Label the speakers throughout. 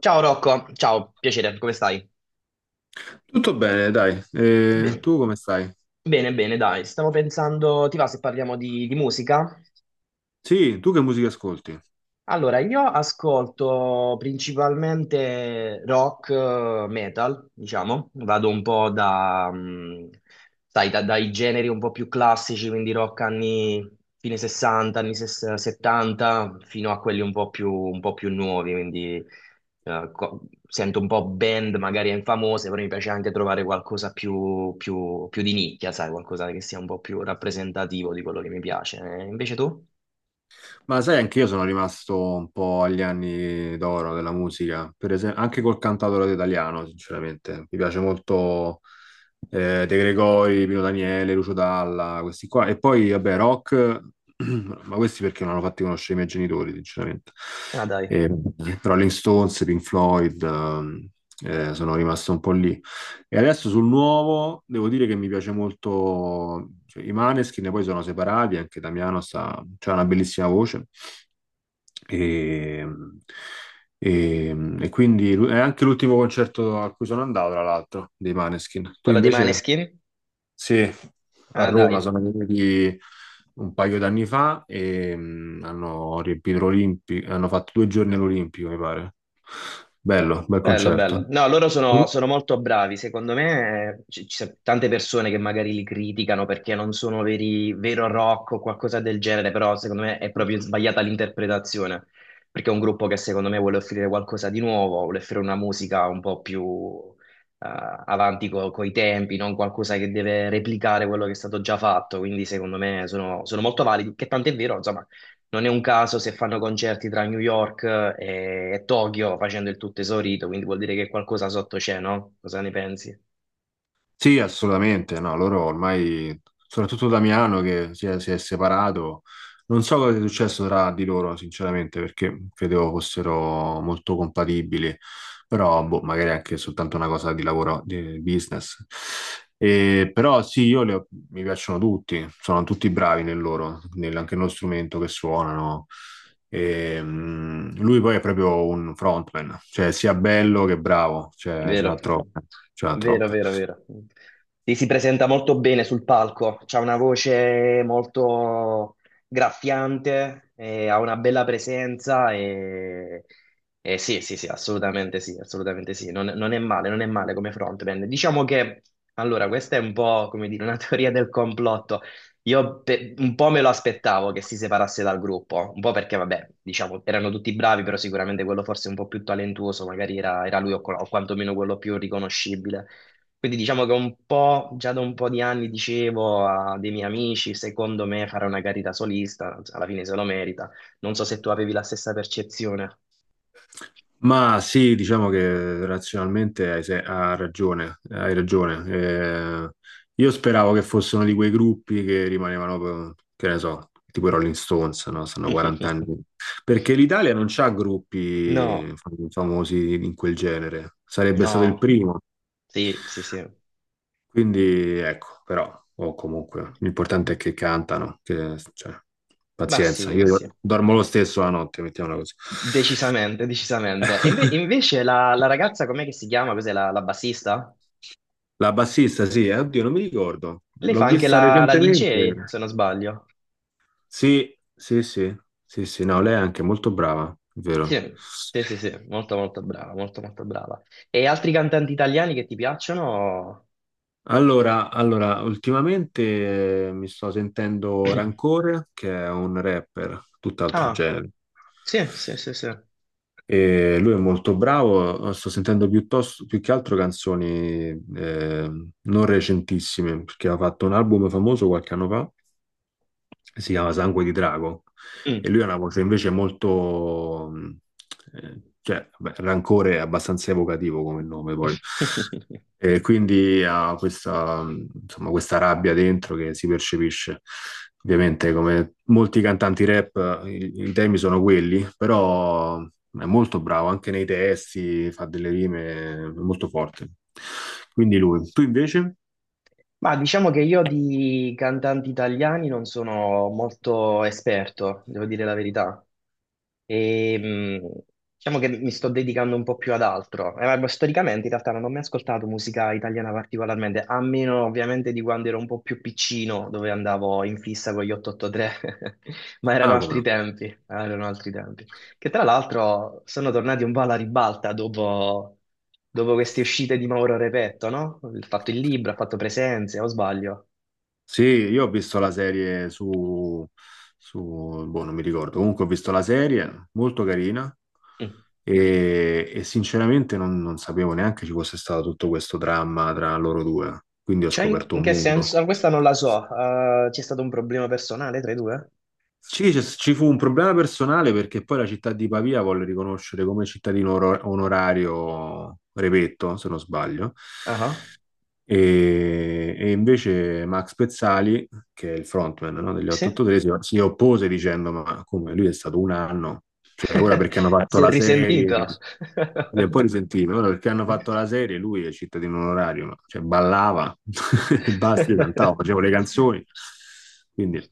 Speaker 1: Ciao Rocco, ciao, piacere, come stai?
Speaker 2: Tutto bene, dai.
Speaker 1: Bene,
Speaker 2: Tu come stai?
Speaker 1: bene, bene, dai, stavo pensando, ti va se parliamo di musica?
Speaker 2: Sì, tu che musica ascolti?
Speaker 1: Allora, io ascolto principalmente rock, metal, diciamo, vado un po' da, sai, dai generi un po' più classici, quindi rock anni fine 60, anni 70, fino a quelli un po' più nuovi, quindi eh, co- sento un po' band magari infamose, però mi piace anche trovare qualcosa più, più di nicchia, sai, qualcosa che sia un po' più rappresentativo di quello che mi piace. Invece tu?
Speaker 2: Ma sai, anche io sono rimasto un po' agli anni d'oro della musica, per esempio, anche col cantautore italiano, sinceramente. Mi piace molto De Gregori, Pino Daniele, Lucio Dalla, questi qua. E poi, vabbè, rock, ma questi perché non hanno fatti conoscere i miei genitori, sinceramente.
Speaker 1: Ah, dai,
Speaker 2: Eh, Rolling Stones, Pink Floyd, sono rimasto un po' lì. E adesso sul nuovo devo dire che mi piace molto, cioè, i Maneskin poi sono separati, anche Damiano ha una bellissima voce e, e quindi è anche l'ultimo concerto a cui sono andato, tra l'altro, dei Maneskin. Tu
Speaker 1: quello dei
Speaker 2: invece,
Speaker 1: Maneskin?
Speaker 2: sì, a
Speaker 1: Ah,
Speaker 2: Roma
Speaker 1: dai,
Speaker 2: sono venuti un paio d'anni fa e hanno riempito l'Olimpico, hanno fatto due giorni all'Olimpico, mi pare. Bello, bel
Speaker 1: bello,
Speaker 2: concerto.
Speaker 1: bello. No, loro sono, sono molto bravi. Secondo me, ci sono tante persone che magari li criticano perché non sono veri, vero rock o qualcosa del genere, però secondo me è proprio sbagliata l'interpretazione, perché è un gruppo che secondo me vuole offrire qualcosa di nuovo, vuole offrire una musica un po' più eh, avanti coi tempi, non qualcosa che deve replicare quello che è stato già fatto. Quindi secondo me sono, sono molto validi, che tant'è vero, insomma, non è un caso se fanno concerti tra New York e Tokyo facendo il tutto esaurito, quindi vuol dire che qualcosa sotto c'è, no? Cosa ne pensi?
Speaker 2: Sì, assolutamente, no, loro ormai, soprattutto Damiano che si è separato, non so cosa sia successo tra di loro, sinceramente, perché credevo fossero molto compatibili, però boh, magari anche soltanto una cosa di lavoro, di business. E, però sì, mi piacciono tutti, sono tutti bravi nel loro, anche nello strumento che suonano. E, lui poi è proprio un frontman, cioè sia bello che bravo, cioè, ce
Speaker 1: Vero,
Speaker 2: l'ha troppo, ce l'ha
Speaker 1: vero,
Speaker 2: troppo.
Speaker 1: vero, vero. Sì, si presenta molto bene sul palco, ha una voce molto graffiante, ha una bella presenza e sì, sì, sì, assolutamente sì, assolutamente sì. Non, non è male, non è male come frontman. Diciamo che, allora, questa è un po', come dire, una teoria del complotto. Un po' me lo aspettavo che si separasse dal gruppo, un po' perché, vabbè, diciamo, erano tutti bravi, però sicuramente quello forse un po' più talentuoso, magari era, era lui o quantomeno quello più riconoscibile. Quindi diciamo che un po', già da un po' di anni dicevo a dei miei amici, secondo me fare una carriera solista, alla fine se lo merita. Non so se tu avevi la stessa percezione.
Speaker 2: Ma sì, diciamo che razionalmente hai, se- ha ragione, hai ragione. Io speravo che fossero di quei gruppi che rimanevano, che ne so, tipo i Rolling Stones, no? Stanno 40 anni. Perché l'Italia non c'ha gruppi
Speaker 1: No,
Speaker 2: famosi in quel genere. Sarebbe stato il
Speaker 1: no,
Speaker 2: primo.
Speaker 1: sì, sì, sì.
Speaker 2: Quindi ecco, però, o comunque, l'importante è che cantano, che, cioè,
Speaker 1: Ma
Speaker 2: pazienza,
Speaker 1: sì, ma sì.
Speaker 2: io dormo lo stesso la notte, mettiamola così.
Speaker 1: Decisamente, decisamente. E invece la ragazza, com'è che si chiama? Cos'è la bassista?
Speaker 2: La bassista, sì, oddio, non mi ricordo.
Speaker 1: Lei fa
Speaker 2: L'ho
Speaker 1: anche
Speaker 2: vista
Speaker 1: la
Speaker 2: recentemente.
Speaker 1: DJ, se non sbaglio.
Speaker 2: Sì, sì, sì, sì, sì, no, lei è anche molto brava, è vero.
Speaker 1: Sì, sì, sì, sì, molto molto brava, molto molto brava. E altri cantanti italiani che ti piacciono?
Speaker 2: Allora, allora, ultimamente mi sto sentendo Rancore, che è un rapper, tutt'altro
Speaker 1: Ah,
Speaker 2: genere.
Speaker 1: sì, sì, sì, sì.
Speaker 2: E lui è molto bravo, sto sentendo piuttosto, più che altro canzoni eh, non recentissime, perché ha fatto un album famoso qualche anno fa, si chiama Sangue di Drago. E
Speaker 1: Mm.
Speaker 2: lui ha una voce invece molto, cioè, beh, Rancore è abbastanza evocativo come nome poi. E quindi ha questa, insomma, questa rabbia dentro che si percepisce. Ovviamente, come molti cantanti rap, i temi sono quelli, però è molto bravo anche nei testi, fa delle rime è molto forti. Quindi lui. Tu invece?
Speaker 1: Ma diciamo che io di cantanti italiani non sono molto esperto, devo dire la verità. E, mh, diciamo che mi sto dedicando un po' più ad altro. Ma storicamente in realtà non ho mai ascoltato musica italiana particolarmente, a meno ovviamente di quando ero un po' più piccino, dove andavo in fissa con gli 883, ma
Speaker 2: Ah, come no.
Speaker 1: erano altri tempi che tra l'altro sono tornati un po' alla ribalta dopo, dopo queste uscite di Mauro Repetto, no? Ha fatto il libro, ha fatto presenze, o sbaglio?
Speaker 2: Sì, io ho visto la serie su boh, non mi ricordo, comunque ho visto la serie, molto carina,
Speaker 1: Mm.
Speaker 2: e sinceramente non sapevo neanche ci fosse stato tutto questo dramma tra loro due, quindi ho
Speaker 1: Cioè, in,
Speaker 2: scoperto
Speaker 1: in
Speaker 2: un
Speaker 1: che
Speaker 2: mondo.
Speaker 1: senso? Ah, questa non la so. C'è stato un problema personale tra i due?
Speaker 2: Sì, ci fu un problema personale perché poi la città di Pavia volle riconoscere come cittadino onorario Repetto, se non sbaglio.
Speaker 1: Ah, ah.
Speaker 2: E invece Max Pezzali, che è il frontman, no, degli
Speaker 1: Sì?
Speaker 2: 883, si oppose dicendo: Ma come lui è stato un anno, cioè ora perché hanno fatto
Speaker 1: Si è
Speaker 2: la serie,
Speaker 1: risentito.
Speaker 2: mi è poi risentito, ora perché hanno fatto la serie, lui è cittadino onorario, cioè ballava e basta, io cantavo, facevo le canzoni, quindi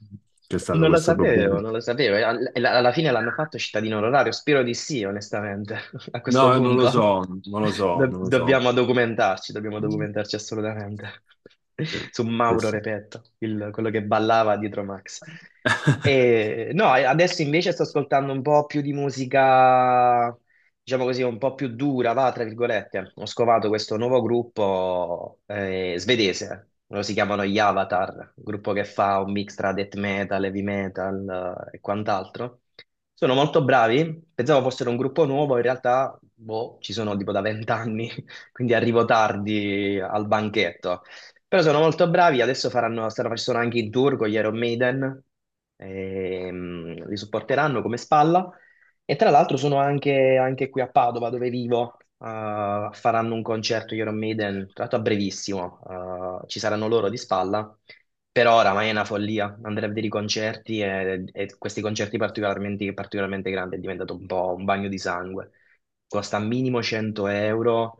Speaker 2: c'è stato
Speaker 1: Non lo
Speaker 2: questo problema.
Speaker 1: sapevo, non lo sapevo. Alla fine l'hanno fatto cittadino onorario. Spero di sì, onestamente, a questo
Speaker 2: No, non lo
Speaker 1: punto.
Speaker 2: so, non lo so, non lo so.
Speaker 1: Dobbiamo documentarci, dobbiamo
Speaker 2: Sì,
Speaker 1: documentarci assolutamente. Su
Speaker 2: sì,
Speaker 1: Mauro
Speaker 2: sì.
Speaker 1: Repetto, quello che ballava dietro Max. E, no, e adesso invece sto ascoltando un po' più di musica diciamo così, un po' più dura, va, tra virgolette. Ho scovato questo nuovo gruppo svedese, loro si chiamano gli Avatar, un gruppo che fa un mix tra death metal, heavy metal, e quant'altro. Sono molto bravi, pensavo fossero un gruppo nuovo, in realtà, boh, ci sono tipo da vent'anni, quindi arrivo tardi al banchetto. Però sono molto bravi, adesso faranno, stanno facendo anche in tour con gli Iron Maiden, li supporteranno come spalla. E tra l'altro sono anche, anche qui a Padova, dove vivo, faranno un concerto Iron Maiden, tra l'altro a brevissimo, ci saranno loro di spalla, però oramai è una follia, andare a vedere i concerti e questi concerti particolarmente, particolarmente grandi è diventato un po' un bagno di sangue, costa minimo 100 euro,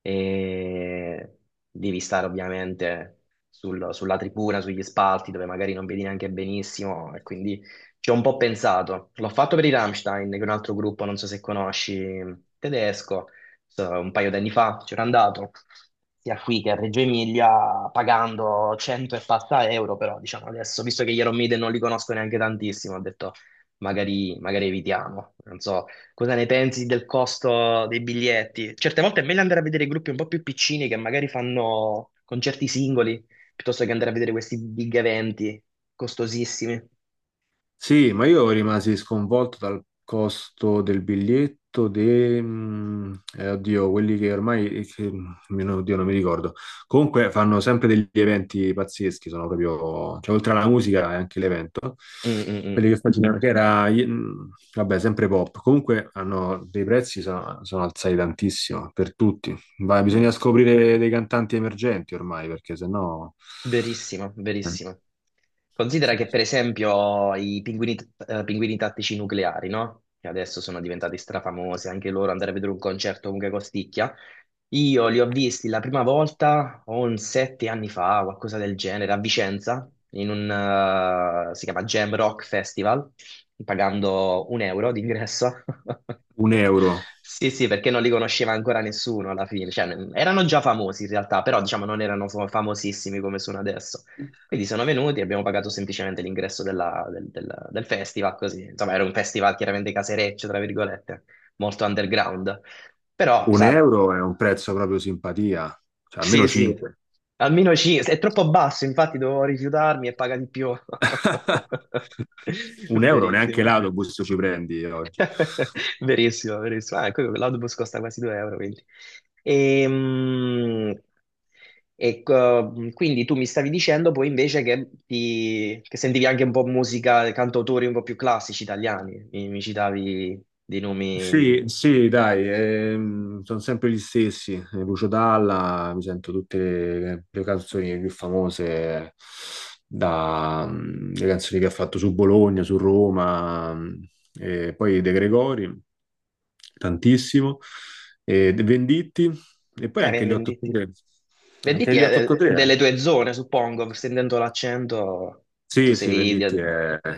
Speaker 1: e devi stare ovviamente sulla tribuna, sugli spalti dove magari non vedi neanche benissimo e quindi ci ho un po' pensato. L'ho fatto per i Rammstein, che è un altro gruppo, non so se conosci, tedesco, so, un paio d'anni fa c'ero andato. Sia qui che a Reggio Emilia pagando 100 e passa euro, però diciamo adesso, visto che gli Iron Maiden non li conosco neanche tantissimo, ho detto magari, magari evitiamo. Non so, cosa ne pensi del costo dei biglietti? Certe volte è meglio andare a vedere gruppi un po' più piccini che magari fanno concerti singoli, piuttosto che andare a vedere questi big eventi costosissimi.
Speaker 2: Sì, ma io rimasi sconvolto dal costo del biglietto, oddio, quelli che ormai, oddio, non mi ricordo. Comunque fanno sempre degli eventi pazzeschi, sono proprio, cioè oltre alla musica è anche l'evento.
Speaker 1: Mm, mm, mm.
Speaker 2: Quelli che facevano, che era, vabbè, sempre pop. Comunque hanno dei prezzi, sono alzati tantissimo per tutti. Ma
Speaker 1: Sì.
Speaker 2: bisogna scoprire dei cantanti emergenti ormai, perché sennò
Speaker 1: Verissimo,
Speaker 2: eh,
Speaker 1: verissimo. Considera che per esempio i pinguini, pinguini tattici nucleari, no? Che adesso sono diventati strafamosi, anche loro andare a vedere un concerto comunque costicchia. Io li ho visti la prima volta o un sette anni fa, qualcosa del genere, a Vicenza, in un, si chiama Jam Rock Festival, pagando un euro d'ingresso.
Speaker 2: un euro.
Speaker 1: Sì, sì, perché non li conosceva ancora nessuno alla fine, cioè erano già famosi in realtà, però diciamo non erano famosissimi come sono adesso. Quindi sono venuti e abbiamo pagato semplicemente l'ingresso del festival, così. Insomma, era un festival chiaramente casereccio, tra virgolette, molto underground. Però,
Speaker 2: Un
Speaker 1: sai,
Speaker 2: euro è un prezzo proprio simpatia, cioè almeno
Speaker 1: sì, sì,
Speaker 2: 5.
Speaker 1: almeno ci... È troppo basso, infatti dovevo rifiutarmi e paga di più.
Speaker 2: Un euro neanche
Speaker 1: Verissimo.
Speaker 2: l'autobus ci prendi oggi.
Speaker 1: Verissimo, verissimo. Ah, ecco, l'autobus costa quasi 2 euro, quindi. Ehm, ecco, quindi tu mi stavi dicendo poi invece che, che sentivi anche un po' musica, cantautori un po' più classici italiani. Mi citavi dei nomi
Speaker 2: Sì,
Speaker 1: di...
Speaker 2: sì, dai, sono sempre gli stessi. Lucio Dalla, mi sento tutte le canzoni più famose, le canzoni che ha fatto su Bologna, su Roma, e poi De Gregori, tantissimo, e De Venditti, e poi anche gli
Speaker 1: Venditti.
Speaker 2: 883. Anche
Speaker 1: Venditti
Speaker 2: gli
Speaker 1: è
Speaker 2: 883,
Speaker 1: delle tue zone, suppongo, sentendo l'accento, tu
Speaker 2: sì, sì,
Speaker 1: sei...
Speaker 2: Venditti è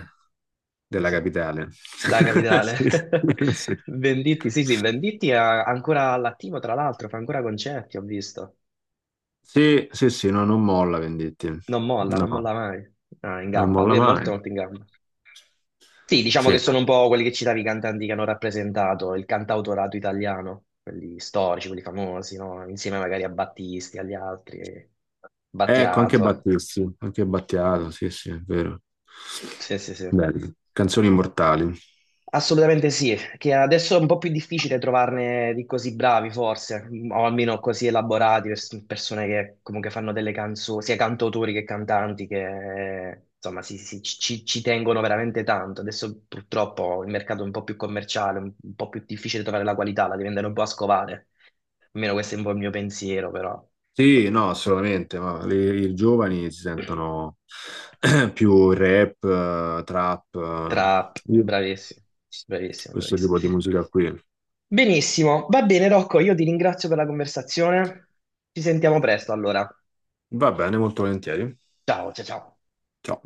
Speaker 1: sì,
Speaker 2: della
Speaker 1: sì.
Speaker 2: capitale.
Speaker 1: Da capitale.
Speaker 2: Sì, sì.
Speaker 1: Venditti, sì, sì, Venditti è ancora all'attivo, tra l'altro, fa ancora concerti, ho visto.
Speaker 2: Sì, sì, sì, no, non molla Venditti.
Speaker 1: Non molla, non
Speaker 2: No,
Speaker 1: molla mai. Ah, in
Speaker 2: non
Speaker 1: gamba,
Speaker 2: molla
Speaker 1: lui è molto,
Speaker 2: mai.
Speaker 1: molto in gamba. Sì, diciamo che
Speaker 2: Sì.
Speaker 1: sono un po' quelli che citavi, i cantanti che hanno rappresentato il cantautorato italiano, quelli storici, quelli famosi, no? Insieme magari a Battisti, agli altri,
Speaker 2: Ecco, anche
Speaker 1: Battiato.
Speaker 2: Battisti, anche Battiato, sì, sì, è vero.
Speaker 1: Sì, sì, sì.
Speaker 2: Bello. Canzoni immortali.
Speaker 1: Assolutamente sì, che adesso è un po' più difficile trovarne di così bravi forse, o almeno così elaborati, persone che comunque fanno delle canzoni, sia cantautori che cantanti, che insomma ci tengono veramente tanto. Adesso purtroppo il mercato è un po' più commerciale, un po' più difficile trovare la qualità, la devi andare un po' a scovare. Almeno questo è un po' il mio pensiero, però.
Speaker 2: Sì,
Speaker 1: So,
Speaker 2: no, assolutamente, ma i giovani si sentono più rap, trap,
Speaker 1: trap,
Speaker 2: Io-
Speaker 1: bravissimo, bravissimo,
Speaker 2: questo
Speaker 1: bravissimo.
Speaker 2: tipo di musica qui.
Speaker 1: Benissimo, va bene Rocco, io ti ringrazio per la conversazione. Ci sentiamo presto allora.
Speaker 2: Va bene, molto volentieri.
Speaker 1: Ciao, ciao, ciao.
Speaker 2: Ciao.